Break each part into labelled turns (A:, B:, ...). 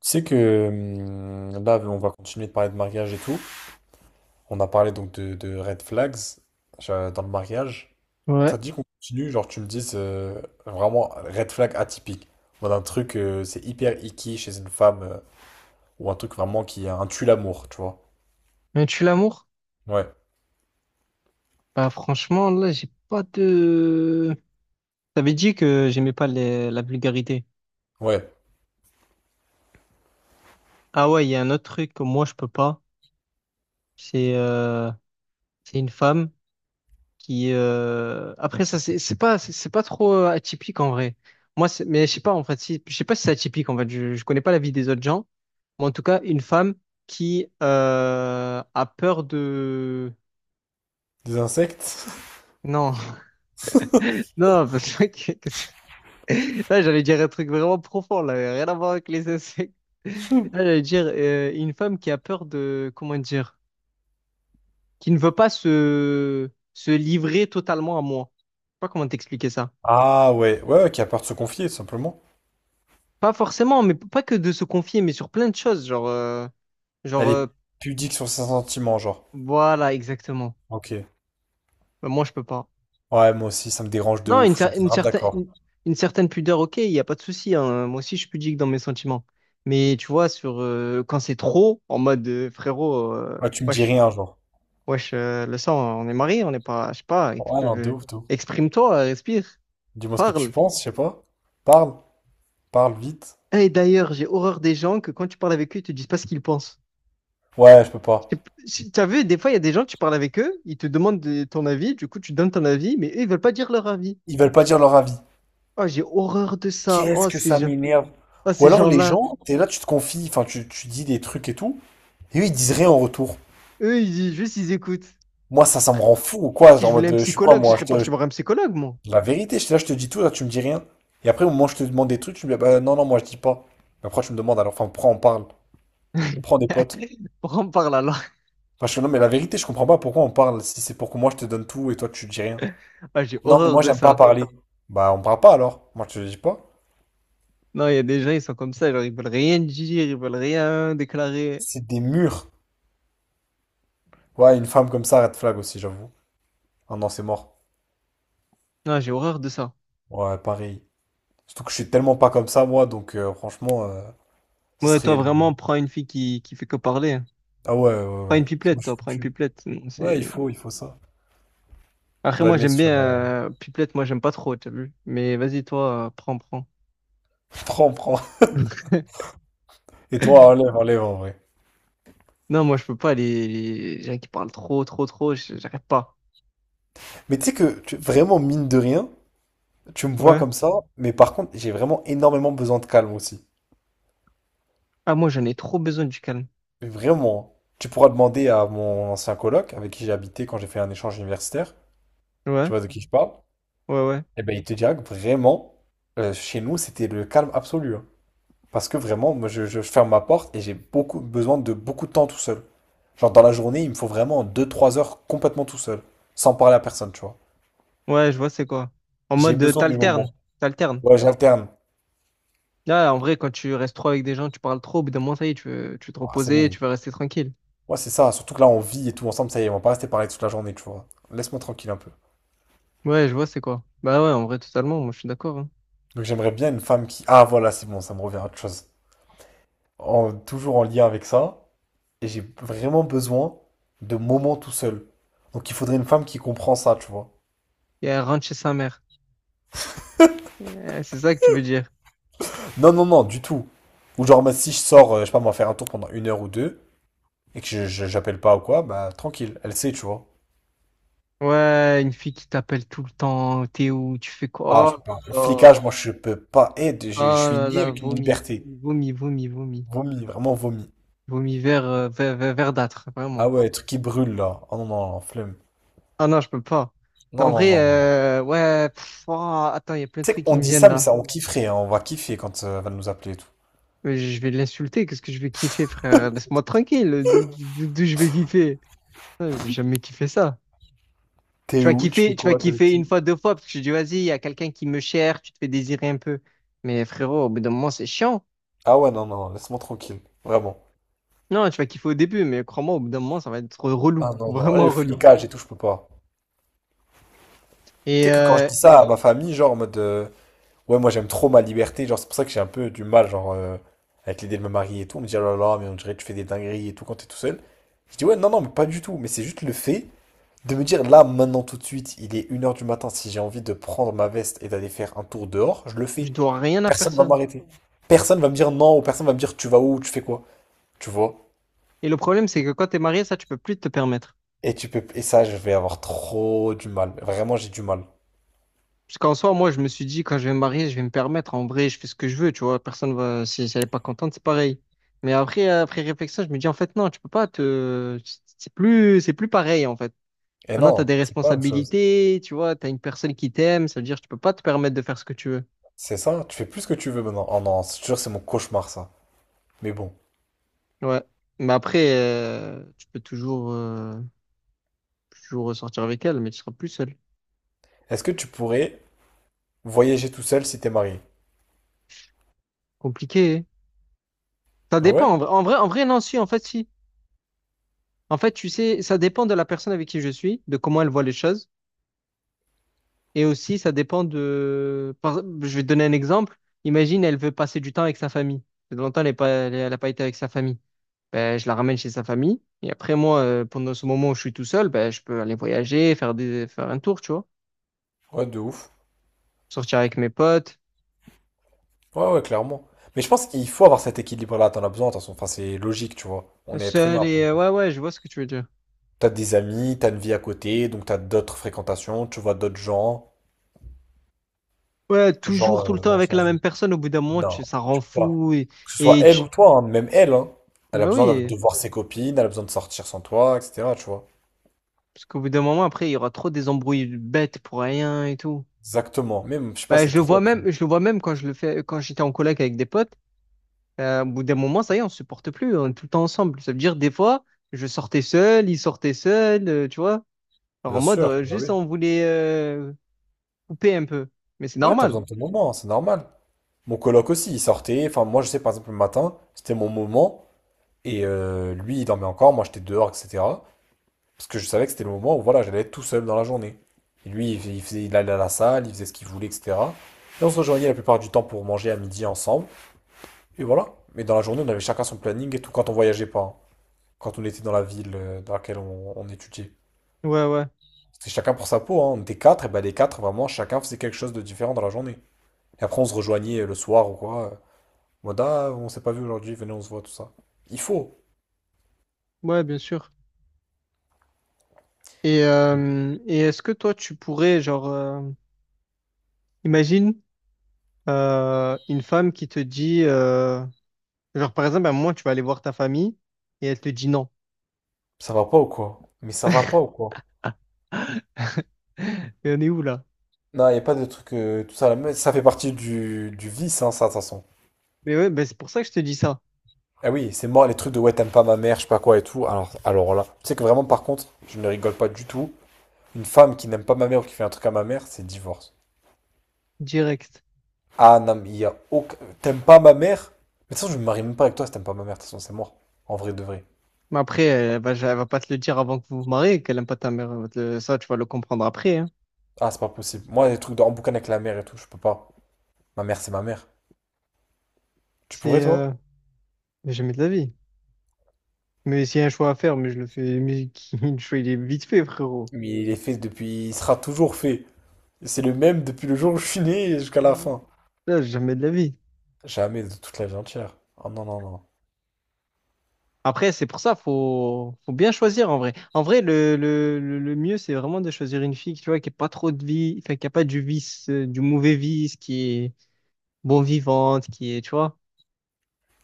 A: Tu sais que là, on va continuer de parler de mariage et tout. On a parlé donc de red flags dans le mariage.
B: Ouais.
A: Ça te dit qu'on continue, genre tu me dises vraiment red flag atypique. Voilà un truc, c'est hyper icky chez une femme ou un truc vraiment qui a un tue l'amour, tu vois.
B: Mais tu l'amour?
A: Ouais,
B: Bah franchement, là, j'ai pas de... T'avais dit que j'aimais pas la vulgarité.
A: ouais.
B: Ah ouais, il y a un autre truc que moi, je peux pas. C'est euh, c'est une femme qui... Après, ça, c'est pas, c'est pas trop atypique en vrai. Moi, mais je sais pas, en fait, si... je sais pas si c'est atypique, en fait. Je connais pas la vie des autres gens. Mais en tout cas, une femme qui a peur de...
A: Des insectes?
B: Non, non, parce que... Là, j'allais dire un truc vraiment profond, là, rien à voir avec les insectes. Là, j'allais dire une femme qui a peur de, comment dire, qui ne veut pas se livrer totalement à moi. Je sais pas comment t'expliquer ça.
A: Ah ouais, ouais, ouais, qui a peur de se confier, tout simplement.
B: Pas forcément, mais pas que de se confier, mais sur plein de choses, genre,
A: Elle est
B: euh,
A: pudique sur ses sentiments, genre.
B: voilà, exactement.
A: Ok.
B: Ben, moi, je peux pas.
A: Ouais, moi aussi, ça me dérange de
B: Non, une,
A: ouf, je
B: cer-
A: suis grave d'accord.
B: une certaine pudeur, ok, il n'y a pas de souci, hein. Moi aussi, je suis pudique dans mes sentiments. Mais tu vois, sur quand c'est trop, en mode frérot,
A: Ouais, tu me dis
B: wesh.
A: rien, genre.
B: Wesh, le sang, on est mariés, on n'est pas, je sais pas,
A: Ouais, non, de ouf, de ouf.
B: exprime-toi, respire,
A: Dis-moi ce que tu
B: parle.
A: penses, je sais pas. Parle, parle vite.
B: Et d'ailleurs, j'ai horreur des gens que quand tu parles avec eux, ils te disent pas ce qu'ils pensent.
A: Ouais, je peux pas.
B: Je sais p- si- T'as vu, des fois, il y a des gens, tu parles avec eux, ils te demandent ton avis, du coup, tu donnes ton avis, mais eux, ils veulent pas dire leur avis.
A: Ils veulent pas dire leur avis.
B: Oh, j'ai horreur de ça.
A: Qu'est-ce
B: Oh,
A: que
B: ces
A: ça
B: gens,
A: m'énerve.
B: oh,
A: Ou
B: ces
A: alors les
B: gens-là.
A: gens, t'es là, tu te confies, enfin tu dis des trucs et tout, et eux ils disent rien en retour.
B: Eux, ils disent juste, ils écoutent.
A: Moi ça, ça me rend fou ou
B: Ah,
A: quoi,
B: si
A: genre
B: je
A: en
B: voulais
A: mode,
B: un
A: je suis quoi
B: psychologue, je
A: moi,
B: serais parti voir un psychologue, moi.
A: la vérité, là je te dis tout, là tu me dis rien. Et après au moment où je te demande des trucs, tu me dis, ah bah non, non, moi je dis pas. Mais après tu me demandes alors, enfin pourquoi on parle? Prends des potes.
B: Pourquoi on parle alors?
A: Enfin je fais, non mais la vérité, je comprends pas pourquoi on parle, si c'est pour que moi je te donne tout et toi tu dis rien.
B: Ah, j'ai
A: Non mais
B: horreur
A: moi
B: de
A: j'aime pas
B: ça.
A: parler. Bah on parle pas alors, moi je te dis pas.
B: Non, il y a des gens, ils sont comme ça, genre, ils veulent rien dire, ils veulent rien déclarer.
A: C'est des murs. Ouais, une femme comme ça, red flag aussi, j'avoue. Ah non, c'est mort.
B: Non, j'ai horreur de ça.
A: Ouais, pareil. Surtout que je suis tellement pas comme ça, moi, donc franchement, ce
B: Ouais, toi,
A: serait...
B: vraiment, prends une fille qui fait que parler. Hein.
A: Ah ouais, ouais,
B: Prends une
A: ouais. Sinon,
B: pipelette,
A: je
B: toi,
A: suis
B: prends une
A: foutu.
B: pipelette. Non,
A: Ouais,
B: c'est...
A: il faut ça. Je
B: Après,
A: la
B: moi,
A: mets
B: j'aime bien...
A: sur...
B: Pipelette, moi, j'aime pas trop, t'as vu? Mais vas-y, toi, prends, prends.
A: Prends, prends. Et toi, enlève, enlève, en vrai.
B: Non, moi, je peux pas, les gens qui parlent trop, trop, trop, j'arrive pas.
A: Mais tu sais que, vraiment, mine de rien, tu me vois
B: Ouais.
A: comme ça, mais par contre, j'ai vraiment énormément besoin de calme aussi.
B: Ah, moi, j'en ai trop besoin du calme.
A: Mais vraiment, hein. Tu pourras demander à mon ancien coloc, avec qui j'ai habité quand j'ai fait un échange universitaire. Tu
B: Ouais,
A: vois de qui je parle?
B: ouais, ouais.
A: Eh ben, il te dira que vraiment, chez nous, c'était le calme absolu, hein. Parce que vraiment, moi, je ferme ma porte et j'ai beaucoup besoin de beaucoup de temps tout seul. Genre, dans la journée, il me faut vraiment deux trois heures complètement tout seul, sans parler à personne, tu vois.
B: Ouais, je vois, c'est quoi. En
A: J'ai
B: mode,
A: besoin de mes
B: t'alternes,
A: moments.
B: t'alternes.
A: Ouais, j'alterne.
B: Là, en vrai, quand tu restes trop avec des gens, tu parles trop, au bout d'un moment, ça y est, tu veux te
A: Ah, c'est
B: reposer,
A: bon.
B: tu veux rester tranquille.
A: Ouais, c'est ça. Surtout que là, on vit et tout ensemble, ça y est, on va pas rester parler toute la journée, tu vois. Laisse-moi tranquille un peu.
B: Ouais, je vois, c'est quoi. Bah ouais, en vrai, totalement, moi, je suis d'accord. hein.
A: Donc, j'aimerais bien une femme qui. Ah, voilà, c'est bon, ça me revient à autre chose. Toujours en lien avec ça. Et j'ai vraiment besoin de moments tout seul. Donc il faudrait une femme qui comprend ça, tu vois.
B: Et elle rentre chez sa mère. C'est ça que tu veux dire.
A: Non, non, non, du tout. Ou genre, bah, si je sors, je sais pas, moi, faire un tour pendant une heure ou deux, et que j'appelle pas ou quoi, bah tranquille, elle sait, tu vois.
B: Ouais, une fille qui t'appelle tout le temps. T'es où? Tu fais
A: Ah, je
B: quoi?
A: peux pas. Le
B: Oh
A: flicage, moi, je peux pas. Eh,
B: là
A: je
B: là, oh
A: suis
B: là
A: né
B: là,
A: avec une
B: vomi,
A: liberté.
B: vomi, vomi, vomi.
A: Vomi, vraiment vomi.
B: Vomi vert, vert vert verdâtre,
A: Ah
B: vraiment.
A: ouais, le truc qui brûle, là. Oh non, non, non, flemme.
B: Ah non, je peux pas. Mais en
A: Non, non,
B: vrai,
A: non, non, non.
B: ouais, pff, oh, attends, il y a plein de
A: Tu sais
B: trucs qui
A: qu'on
B: me
A: dit
B: viennent
A: ça, mais
B: là.
A: ça, on kifferait, hein. On va kiffer quand elle va nous appeler et tout.
B: Mais je vais l'insulter, qu'est-ce que je vais kiffer, frère? Laisse-moi tranquille, d'où je vais kiffer? Ouais, je vais jamais kiffer ça.
A: T'es où? Tu fais
B: Tu vas
A: quoi? T'es avec
B: kiffer une
A: qui?
B: fois, deux fois, parce que tu dis, vas-y, il y a quelqu'un qui me cherche, tu te fais désirer un peu. Mais frérot, au bout d'un moment, c'est chiant.
A: Ah ouais, non, non, laisse-moi tranquille. Vraiment.
B: Non, tu vas kiffer au début, mais crois-moi, au bout d'un moment, ça va être relou,
A: Ah non, non, le
B: vraiment relou.
A: flicage et tout, je peux pas. Tu
B: Et
A: sais que quand je
B: euh,
A: dis ça à ma famille, genre en mode ouais, moi j'aime trop ma liberté, genre c'est pour ça que j'ai un peu du mal, genre avec l'idée de me marier et tout. On me dit oh là là, mais on dirait que tu fais des dingueries et tout quand t'es tout seul. Je dis ouais, non, non, mais pas du tout, mais c'est juste le fait de me dire là, maintenant, tout de suite, il est 1 heure du matin, si j'ai envie de prendre ma veste et d'aller faire un tour dehors, je le fais.
B: je dois rien à
A: Personne va
B: personne.
A: m'arrêter. Personne va me dire non, ou personne va me dire tu vas où, tu fais quoi, tu vois.
B: Et le problème, c'est que quand t'es marié, ça, tu peux plus te permettre.
A: Et tu peux, et ça, je vais avoir trop du mal. Vraiment, j'ai du mal.
B: Parce qu'en soi, moi, je me suis dit, quand je vais me marier, je vais me permettre. En vrai, je fais ce que je veux, tu vois. Personne va, si, si elle est pas contente, c'est pareil. Mais après, après réflexion, je me dis, en fait, non, tu peux pas te, c'est plus pareil, en fait.
A: Et
B: Maintenant, tu as des
A: non, c'est pas la même chose.
B: responsabilités, tu vois, tu as une personne qui t'aime, ça veut dire que tu peux pas te permettre de faire ce que tu veux.
A: C'est ça, tu fais plus ce que tu veux maintenant. Oh non, je te jure, c'est mon cauchemar ça. Mais bon,
B: Ouais. Mais après, tu peux toujours, toujours sortir avec elle, mais tu seras plus seul.
A: est-ce que tu pourrais voyager tout seul si t'es marié?
B: Compliqué. Hein. Ça
A: Ah ouais?
B: dépend. En vrai, en vrai, en vrai, non, si, en fait, si. En fait, tu sais, ça dépend de la personne avec qui je suis, de comment elle voit les choses. Et aussi, ça dépend de... je vais te donner un exemple. Imagine, elle veut passer du temps avec sa famille. Ça fait longtemps, elle n'a pas, elle a pas été avec sa famille. Ben, je la ramène chez sa famille. Et après, moi, pendant ce moment où je suis tout seul, ben, je peux aller voyager, faire des, faire un tour, tu vois.
A: Ouais, de ouf.
B: Sortir avec mes potes,
A: Ouais, ouais, clairement. Mais je pense qu'il faut avoir cet équilibre-là, t'en as besoin, attention. Enfin, c'est logique, tu vois. On est être humain
B: seul
A: après.
B: et ouais, ouais, je vois ce que tu veux dire.
A: T'as des amis, t'as une vie à côté, donc t'as d'autres fréquentations, tu vois d'autres gens.
B: Ouais,
A: Genre,
B: toujours, tout le
A: euh,
B: temps
A: genre
B: avec la
A: sans...
B: même personne, au bout d'un moment,
A: Non,
B: ça rend
A: pas.
B: fou.
A: Que ce soit
B: Et
A: elle
B: tu...
A: ou toi, hein, même elle, hein. Elle a
B: Bah
A: besoin
B: oui,
A: de voir ses copines, elle a besoin de sortir sans toi, etc., tu vois.
B: parce qu'au bout d'un moment, après, il y aura trop des embrouilles bêtes pour rien et tout.
A: Exactement. Même, je sais pas,
B: Bah,
A: c'est
B: je le
A: trop
B: vois
A: après.
B: même, je le vois même quand je le fais, quand j'étais en coloc avec des potes. Au bout d'un moment, ça y est, on se supporte plus, on est tout le temps ensemble. Ça veut dire, des fois, je sortais seul, il sortait seul, tu vois. Alors, en
A: Bien
B: mode,
A: sûr, bah
B: juste
A: oui.
B: on voulait couper un peu. Mais c'est
A: Ouais, t'as
B: normal.
A: besoin de ton moment, c'est normal. Mon coloc aussi, il sortait. Enfin, moi, je sais, par exemple, le matin, c'était mon moment. Et lui, il dormait encore. Moi, j'étais dehors, etc. Parce que je savais que c'était le moment où, voilà, j'allais être tout seul dans la journée. Et lui, il faisait, il allait à la salle, il faisait ce qu'il voulait, etc. Et on se rejoignait la plupart du temps pour manger à midi ensemble. Et voilà. Mais dans la journée, on avait chacun son planning et tout quand on voyageait pas, hein. Quand on était dans la ville dans laquelle on étudiait.
B: Ouais, ouais.
A: C'était chacun pour sa peau, hein. On était quatre, et ben les quatre, vraiment, chacun faisait quelque chose de différent dans la journée. Et après, on se rejoignait le soir ou quoi. Moda, on s'est pas vu aujourd'hui, venez, on se voit, tout ça. Il faut.
B: Ouais, bien sûr. Et est-ce que toi, tu pourrais, genre, imagine une femme qui te dit, genre, par exemple, à un moment, tu vas aller voir ta famille et elle te dit non.
A: Ça va pas ou quoi? Mais ça va pas ou quoi?
B: Mais on est où là?
A: Non, y a pas de truc, tout ça, à ça fait partie du vice, hein, ça, de toute façon.
B: Mais ouais, ben, c'est pour ça que je te dis ça,
A: Ah oui, c'est mort, les trucs de ouais, t'aimes pas ma mère, je sais pas quoi et tout. Alors là, tu sais que vraiment, par contre, je ne rigole pas du tout. Une femme qui n'aime pas ma mère ou qui fait un truc à ma mère, c'est divorce.
B: direct.
A: Ah non, mais il y a aucun. T'aimes pas ma mère? Mais de toute façon, je me marie même pas avec toi si t'aimes pas ma mère, de toute façon, c'est mort. En vrai de vrai.
B: Mais après, elle va pas te le dire avant que vous vous mariez, qu'elle aime pas ta mère. Elle va ça, tu vas le comprendre après, hein.
A: Ah, c'est pas possible. Moi, les trucs de en boucan avec la mère et tout, je peux pas. Ma mère, c'est ma mère. Tu pourrais,
B: C'est
A: toi?
B: jamais de la vie. Mais s'il y a un choix à faire, mais je le fais, le choix, il est vite fait, frérot.
A: Mais il est fait depuis. Il sera toujours fait. C'est le même depuis le jour où je suis né et jusqu'à la
B: Mhm.
A: fin.
B: Là, jamais de la vie.
A: Jamais de toute la vie entière. Oh non, non, non.
B: Après, c'est pour ça, faut, faut bien choisir en vrai. En vrai, le mieux, c'est vraiment de choisir une fille, tu vois, qui n'a pas trop de vie, enfin, qui n'a pas du vice, du mauvais vice, qui est bon vivante, qui est, tu vois.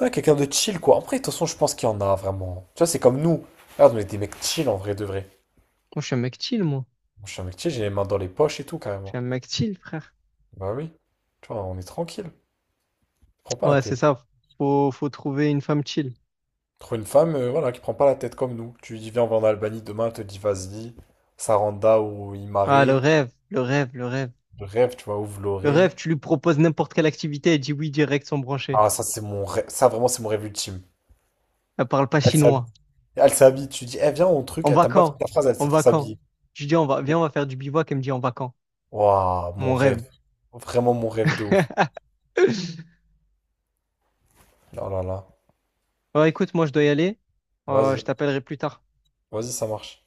A: Ouais, quelqu'un de chill, quoi. Après, de toute façon, je pense qu'il y en a vraiment. Tu vois, c'est comme nous. Regarde, on est des mecs chill en vrai de vrai.
B: Moi, je suis un mec chill, moi.
A: Moi, je suis un mec chill, j'ai les mains dans les poches et tout,
B: Je suis
A: carrément.
B: un mec chill, frère.
A: Bah oui. Tu vois, on est tranquille. Prends pas la
B: Ouais, c'est
A: tête.
B: ça. Faut, faut trouver une femme chill.
A: Trouve une femme, voilà, qui prend pas la tête comme nous. Tu lui dis, viens, on va en Albanie demain, elle te dit, vas-y. Saranda ou
B: Ah, le
A: Imare.
B: rêve, le rêve, le rêve.
A: Le rêve, tu vois, ou
B: Le rêve,
A: Vloré.
B: tu lui proposes n'importe quelle activité, elle dit oui direct sans brancher.
A: Ah, ça, c'est mon rêve. Ça, vraiment, c'est mon rêve ultime.
B: Elle parle pas
A: Elle
B: chinois.
A: s'habille Elle s'habille, tu dis, eh viens au truc,
B: On
A: elle
B: va
A: t'a pas fait
B: quand?
A: ta phrase, elle est
B: On
A: en train de
B: va quand?
A: s'habiller.
B: Je lui dis on va, viens, on va faire du bivouac. Elle me dit on va quand?
A: Waouh,
B: Mon
A: mon
B: rêve.
A: rêve. Vraiment mon rêve de ouf. Oh là là.
B: Bon, écoute, moi je dois y aller.
A: Vas-y,
B: Je t'appellerai plus tard.
A: vas-y, ça marche.